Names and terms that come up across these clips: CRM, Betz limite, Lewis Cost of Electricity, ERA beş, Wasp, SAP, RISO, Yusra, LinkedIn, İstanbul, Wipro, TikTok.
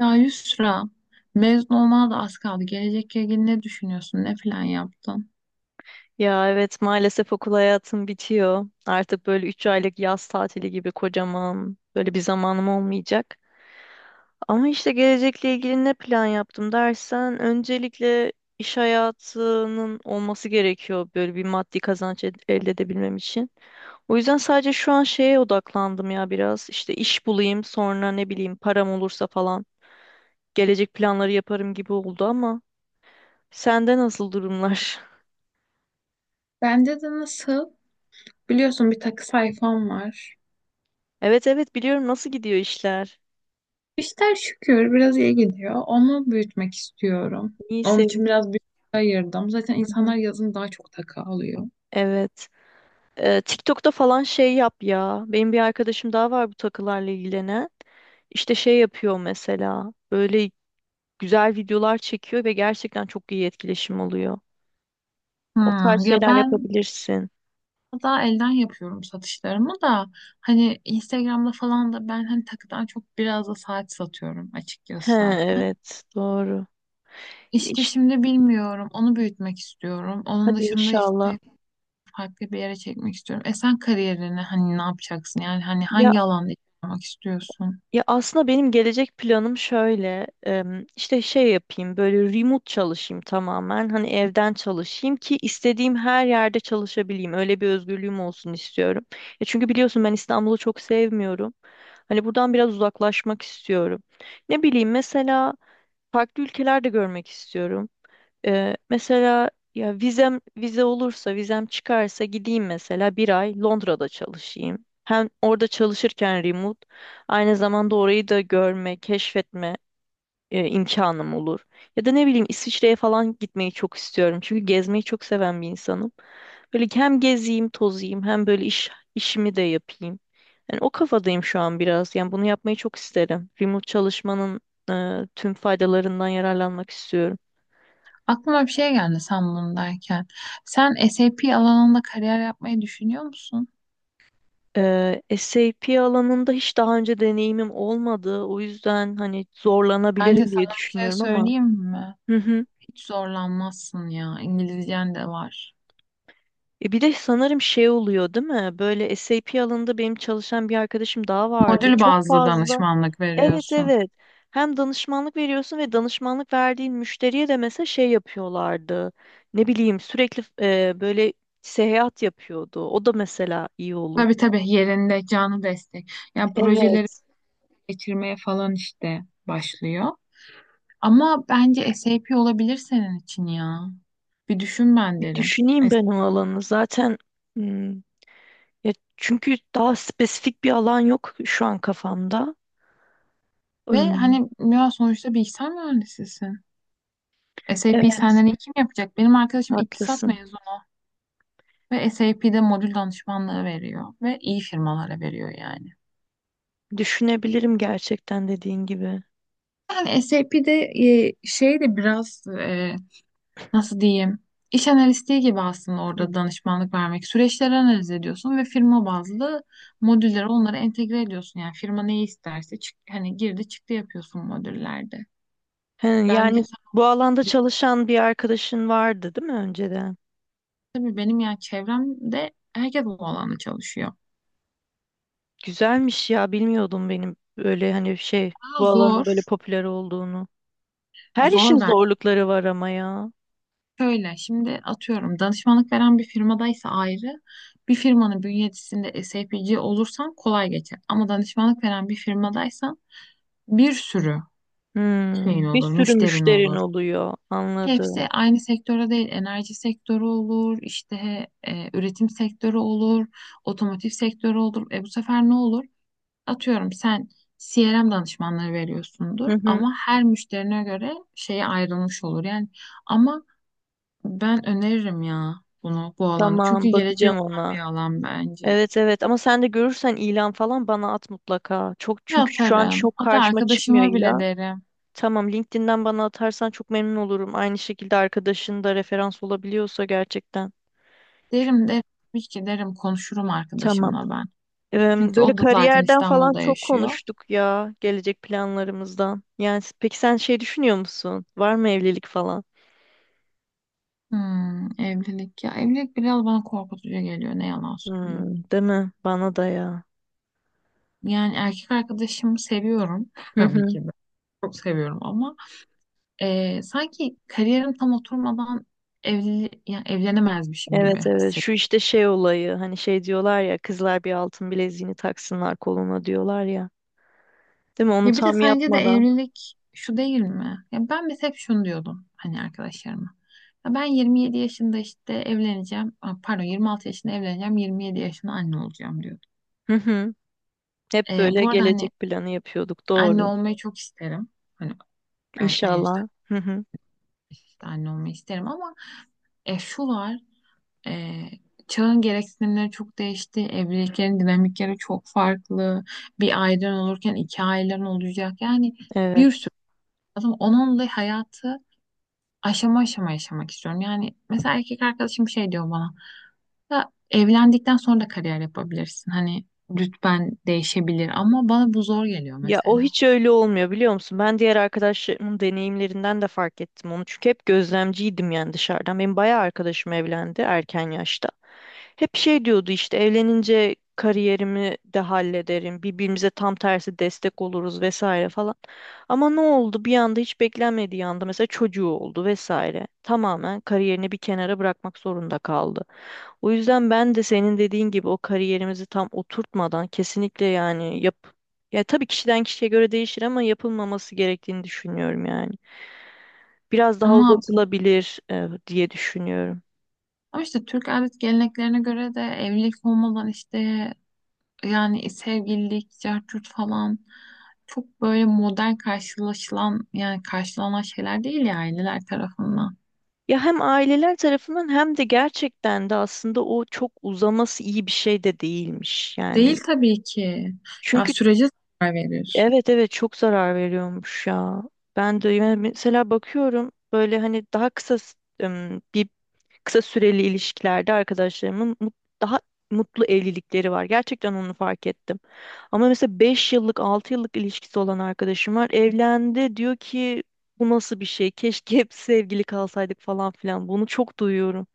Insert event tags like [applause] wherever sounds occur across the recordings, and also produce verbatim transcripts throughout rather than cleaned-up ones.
Ya Yusra, mezun olmana da az kaldı. Gelecekle ilgili ne düşünüyorsun? Ne plan yaptın? Ya evet, maalesef okul hayatım bitiyor. Artık böyle üç aylık yaz tatili gibi kocaman böyle bir zamanım olmayacak. Ama işte gelecekle ilgili ne plan yaptım dersen öncelikle iş hayatının olması gerekiyor böyle bir maddi kazanç ed- elde edebilmem için. O yüzden sadece şu an şeye odaklandım ya biraz. İşte iş bulayım, sonra ne bileyim param olursa falan gelecek planları yaparım gibi oldu ama sende nasıl durumlar? [laughs] Bende de nasıl? Biliyorsun bir takı sayfam var. Evet evet, biliyorum, nasıl gidiyor işler? İşler şükür biraz iyi gidiyor. Onu büyütmek istiyorum. İyi, Onun için sevdim. biraz bütçe ayırdım. Zaten Hı hı. insanlar yazın daha çok takı alıyor. Evet. Ee, TikTok'ta falan şey yap ya. Benim bir arkadaşım daha var bu takılarla ilgilenen. İşte şey yapıyor mesela. Böyle güzel videolar çekiyor ve gerçekten çok iyi etkileşim oluyor. O tarz Hmm, ya şeyler ben yapabilirsin. daha elden yapıyorum satışlarımı da hani Instagram'da falan da ben hani takıdan çok biraz da saat satıyorum He açıkçası zaten. evet, doğru. İşte İş, şimdi bilmiyorum. Onu büyütmek istiyorum. Onun hadi dışında işte inşallah. farklı bir yere çekmek istiyorum. E sen kariyerini hani ne yapacaksın? Yani hani Ya hangi alanda yapmak istiyorsun? Ya aslında benim gelecek planım şöyle, em, işte şey yapayım, böyle remote çalışayım, tamamen hani evden çalışayım ki istediğim her yerde çalışabileyim, öyle bir özgürlüğüm olsun istiyorum. Ya çünkü biliyorsun, ben İstanbul'u çok sevmiyorum. Hani buradan biraz uzaklaşmak istiyorum. Ne bileyim, mesela farklı ülkelerde görmek istiyorum. Ee, mesela ya vizem vize olursa, vizem çıkarsa gideyim, mesela bir ay Londra'da çalışayım. Hem orada çalışırken remote aynı zamanda orayı da görme, keşfetme e, imkanım olur. Ya da ne bileyim, İsviçre'ye falan gitmeyi çok istiyorum. Çünkü gezmeyi çok seven bir insanım. Böyle hem gezeyim, tozayım, hem böyle iş işimi de yapayım. Yani o kafadayım şu an biraz. Yani bunu yapmayı çok isterim. Remote çalışmanın e, tüm faydalarından yararlanmak istiyorum. Aklıma bir şey geldi sen bunu derken. Sen SAP alanında kariyer yapmayı düşünüyor musun? Ee, SAP alanında hiç daha önce deneyimim olmadı. O yüzden hani zorlanabilirim Bence diye sana bir şey düşünüyorum ama. söyleyeyim mi? Hı hı. Hiç zorlanmazsın ya. İngilizcen de var. E bir de sanırım şey oluyor değil mi? Böyle SAP alanında benim çalışan bir arkadaşım daha vardı. Modül Çok bazlı fazla. danışmanlık Evet veriyorsun. evet. Hem danışmanlık veriyorsun ve danışmanlık verdiğin müşteriye de mesela şey yapıyorlardı. Ne bileyim sürekli e, böyle seyahat yapıyordu. O da mesela iyi olur. Tabii tabii, yerinde canlı destek. Yani projeleri Evet. geçirmeye falan işte başlıyor. Ama bence SAP olabilir senin için ya. Bir düşün ben Bir derim. düşüneyim Es- ben o alanı. Zaten hmm, ya çünkü daha spesifik bir alan yok şu an kafamda. Ve Im, hani ya sonuçta bilgisayar mühendisisin. SAP'yi Evet, senden iyi kim yapacak? Benim arkadaşım iktisat haklısın. mezunu ve SAP'de modül danışmanlığı veriyor ve iyi firmalara veriyor yani. Düşünebilirim gerçekten dediğin gibi. Yani SAP'de e, şey de biraz e, nasıl diyeyim? İş analistliği gibi aslında Hı. orada danışmanlık vermek. Süreçleri analiz ediyorsun ve firma bazlı modülleri onlara entegre ediyorsun. Yani firma neyi isterse çık, hani girdi çıktı yapıyorsun modüllerde. He, Bence yani sen bu alanda bir düşün. çalışan bir arkadaşın vardı, değil mi önceden? Tabii benim yani çevremde herkes bu alanda çalışıyor. Güzelmiş ya, bilmiyordum benim böyle hani şey Ama bu alanın böyle zor. popüler olduğunu. Her işin Zor ben. zorlukları var ama ya. Şöyle şimdi atıyorum danışmanlık veren bir firmadaysa ayrı, bir firmanın bünyesinde sapci olursan kolay geçer. Ama danışmanlık veren bir firmadaysan bir sürü şeyin Hmm, bir olur, sürü müşterin müşterin olur. oluyor, Hepsi anladım. aynı sektörde değil. Enerji sektörü olur, işte e, üretim sektörü olur, otomotiv sektörü olur. E bu sefer ne olur? Atıyorum sen C R M danışmanlığı veriyorsundur Hı hı, ama her müşterine göre şeye ayrılmış olur. Yani ama ben öneririm ya bunu, bu alanı. Çünkü tamam, geleceği bakacağım olan bir ona. alan bence. Evet evet, ama sen de görürsen ilan falan bana at mutlaka. Çok, Bir çünkü şu an atarım. çok Hatta karşıma çıkmıyor arkadaşıma bile ilan. derim. Tamam, LinkedIn'den bana atarsan çok memnun olurum. Aynı şekilde arkadaşın da referans olabiliyorsa gerçekten. Derim derim. Tabii ki derim, konuşurum Tamam. arkadaşımla ben. Em, Çünkü böyle o da zaten kariyerden falan İstanbul'da çok yaşıyor. konuştuk ya, gelecek planlarımızdan. Yani s- peki sen şey düşünüyor musun? Var mı evlilik falan? Hmm, evlilik ya evlilik biraz bana korkutucu geliyor, ne yalan söyleyeyim. Hmm, değil mi? Bana da ya. Yani erkek arkadaşımı seviyorum [laughs] Hı tabii hı. ki de çok seviyorum ama e, sanki kariyerim tam oturmadan evli yani evlenemezmişim Evet gibi evet şu hissediyorum. işte şey olayı, hani şey diyorlar ya, kızlar bir altın bileziğini taksınlar koluna diyorlar ya. Değil mi? Onu Ya bir de tam sence de yapmadan. evlilik şu değil mi? Ya ben mesela hep şunu diyordum hani arkadaşlarıma. Ya ben yirmi yedi yaşında işte evleneceğim. Aa, pardon, yirmi altı yaşında evleneceğim. Yirmi yedi yaşında anne olacağım diyordum. Hı hı. Hep E, böyle Bu arada hani gelecek planı yapıyorduk. anne Doğru. olmayı çok isterim. Hani erken yaşta İnşallah. Hı hı. işte anne olmayı isterim ama e, şu var e, çağın gereksinimleri çok değişti. Evliliklerin dinamikleri çok farklı. Bir ailen olurken iki ailen olacak. Yani bir sürü Evet. lazım. Onunla hayatı aşama aşama yaşamak istiyorum. Yani mesela erkek arkadaşım şey diyor bana. Ya evlendikten sonra da kariyer yapabilirsin. Hani rütben değişebilir ama bana bu zor geliyor Ya o mesela. hiç öyle olmuyor biliyor musun? Ben diğer arkadaşlarımın deneyimlerinden de fark ettim onu. Çünkü hep gözlemciydim yani dışarıdan. Benim bayağı arkadaşım evlendi erken yaşta. Hep şey diyordu, işte evlenince kariyerimi de hallederim, birbirimize tam tersi destek oluruz vesaire falan. Ama ne oldu? Bir anda, hiç beklenmediği anda mesela çocuğu oldu vesaire. Tamamen kariyerini bir kenara bırakmak zorunda kaldı. O yüzden ben de senin dediğin gibi, o kariyerimizi tam oturtmadan kesinlikle yani yap ya tabii kişiden kişiye göre değişir ama yapılmaması gerektiğini düşünüyorum yani. Biraz daha Ama uzatılabilir e, diye düşünüyorum. ama işte Türk adet geleneklerine göre de evlilik olmadan işte yani sevgililik, cart falan çok böyle modern karşılaşılan yani karşılanan şeyler değil ya aileler tarafından. Ya hem aileler tarafından hem de gerçekten de aslında o çok uzaması iyi bir şey de değilmiş Değil yani. tabii ki. Ya Çünkü sürece zarar verir. evet evet, çok zarar veriyormuş ya. Ben de yani mesela bakıyorum, böyle hani daha kısa s- ım, bir kısa süreli ilişkilerde arkadaşlarımın mut- daha mutlu evlilikleri var. Gerçekten onu fark ettim. Ama mesela beş yıllık, altı yıllık ilişkisi olan arkadaşım var. Evlendi, diyor ki bu nasıl bir şey? Keşke hep sevgili kalsaydık falan filan. Bunu çok duyuyorum.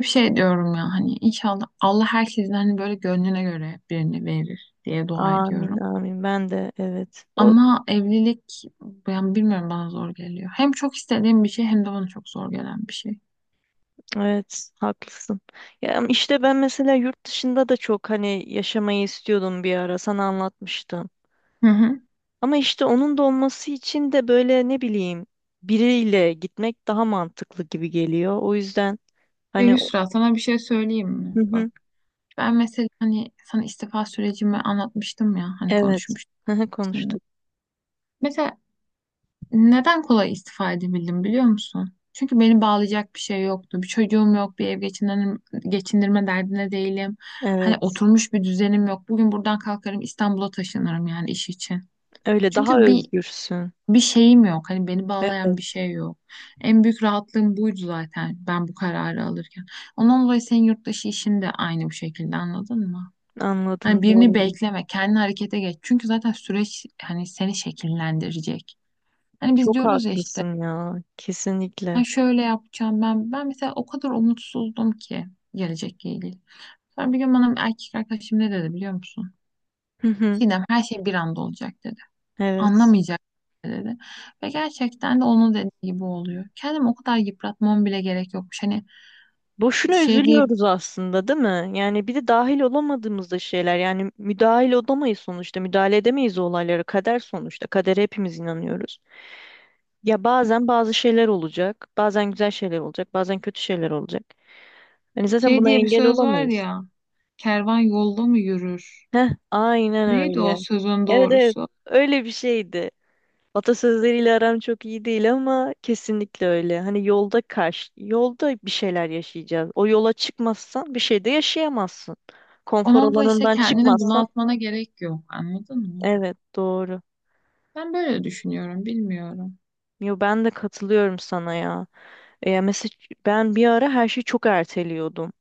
Bir şey diyorum ya, hani inşallah Allah herkesin hani böyle gönlüne göre birini verir diye dua Amin ediyorum. amin, ben de evet. O Ama evlilik ben bilmiyorum, bana zor geliyor. Hem çok istediğim bir şey hem de bana çok zor gelen bir şey. evet, haklısın. Ya işte ben mesela yurt dışında da çok hani yaşamayı istiyordum, bir ara sana anlatmıştım. Hı hı. Ama işte onun da olması için de böyle ne bileyim biriyle gitmek daha mantıklı gibi geliyor. O yüzden E, hani o- Yusra sana bir şey söyleyeyim hı mi? Bak. hı, Ben mesela hani sana istifa sürecimi anlatmıştım ya, hani evet. konuşmuştum Hı hı, seninle. konuştuk. Mesela neden kolay istifa edebildim biliyor musun? Çünkü beni bağlayacak bir şey yoktu. Bir çocuğum yok, bir ev geçindirme, geçindirme derdine değilim. Hani Evet. oturmuş bir düzenim yok. Bugün buradan kalkarım İstanbul'a taşınırım yani iş için. Öyle daha Çünkü bir özgürsün. bir şeyim yok. Hani beni bağlayan bir Evet. şey yok. En büyük rahatlığım buydu zaten ben bu kararı alırken. Ondan dolayı senin yurt dışı işin de aynı bu şekilde, anladın mı? Hani Anladım, birini doğru. bekleme, kendi harekete geç. Çünkü zaten süreç hani seni şekillendirecek. Hani biz Çok diyoruz ya işte haklısın ya. ben Kesinlikle. şöyle yapacağım ben. Ben mesela o kadar umutsuzdum ki gelecekle ilgili. Sonra bir gün bana bir erkek arkadaşım ne dedi biliyor musun? Hı hı, Sinem, her şey bir anda olacak dedi. evet. Anlamayacak dedi. Ve gerçekten de onun dediği gibi oluyor. Kendimi o kadar yıpratmam bile gerek yokmuş. Hani Boşuna şey diye üzülüyoruz aslında, değil mi? Yani bir de dahil olamadığımız da şeyler. Yani müdahil olamayız sonuçta. Müdahale edemeyiz o olaylara. Kader sonuçta. Kadere hepimiz inanıyoruz. Ya bazen bazı şeyler olacak, bazen güzel şeyler olacak, bazen kötü şeyler olacak. Hani zaten şey buna diye bir engel söz var olamayız. ya. Kervan yolda mı yürür? Heh, aynen Neydi o öyle. sözün Evet evet, doğrusu? öyle bir şeydi. Atasözleriyle aram çok iyi değil ama kesinlikle öyle. Hani yolda karşı, yolda bir şeyler yaşayacağız. O yola çıkmazsan bir şey de yaşayamazsın. Konfor Onun da işte alanından kendini çıkmazsan. bunaltmana gerek yok. Anladın mı? Evet, doğru. Ben böyle düşünüyorum. Bilmiyorum. Yo, ben de katılıyorum sana ya. E, mesela ben bir ara her şeyi çok erteliyordum.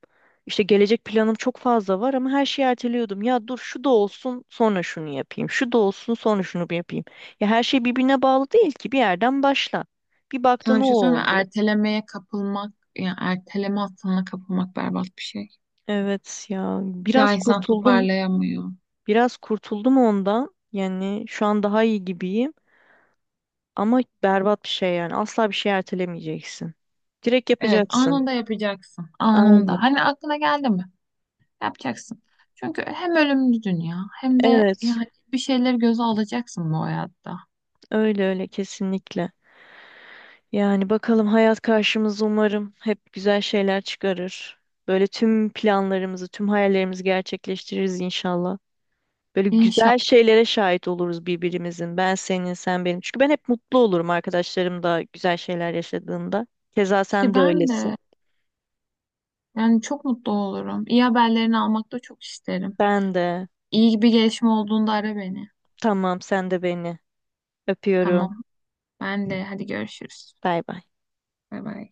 İşte gelecek planım çok fazla var ama her şeyi erteliyordum. Ya dur şu da olsun sonra şunu yapayım. Şu da olsun sonra şunu bir yapayım. Ya her şey birbirine bağlı değil ki, bir yerden başla. Bir Sana baktın bir o şey söyleyeyim mi? oldu. Ertelemeye kapılmak, yani erteleme hastalığına kapılmak berbat bir şey. Evet ya, Bir daha biraz insan kurtuldum. toparlayamıyor. Biraz kurtuldum ondan. Yani şu an daha iyi gibiyim. Ama berbat bir şey yani. Asla bir şey ertelemeyeceksin. Direkt Evet, yapacaksın. anında yapacaksın. Anında. Aynen. Hani aklına geldi mi? Yapacaksın. Çünkü hem ölümlü dünya hem de Evet. yani bir şeyleri göze alacaksın bu hayatta. Öyle öyle, kesinlikle. Yani bakalım, hayat karşımıza umarım hep güzel şeyler çıkarır. Böyle tüm planlarımızı, tüm hayallerimizi gerçekleştiririz inşallah. Böyle İnşallah güzel şeylere şahit oluruz birbirimizin. Ben senin, sen benim. Çünkü ben hep mutlu olurum arkadaşlarım da güzel şeyler yaşadığında. Keza ki sen de ben öylesin. de yani çok mutlu olurum. İyi haberlerini almak da çok isterim. Ben de. İyi bir gelişme olduğunda ara beni. Tamam, sen de beni. Öpüyorum. Tamam. Ben de, hadi görüşürüz. Bay bay. Bay bay.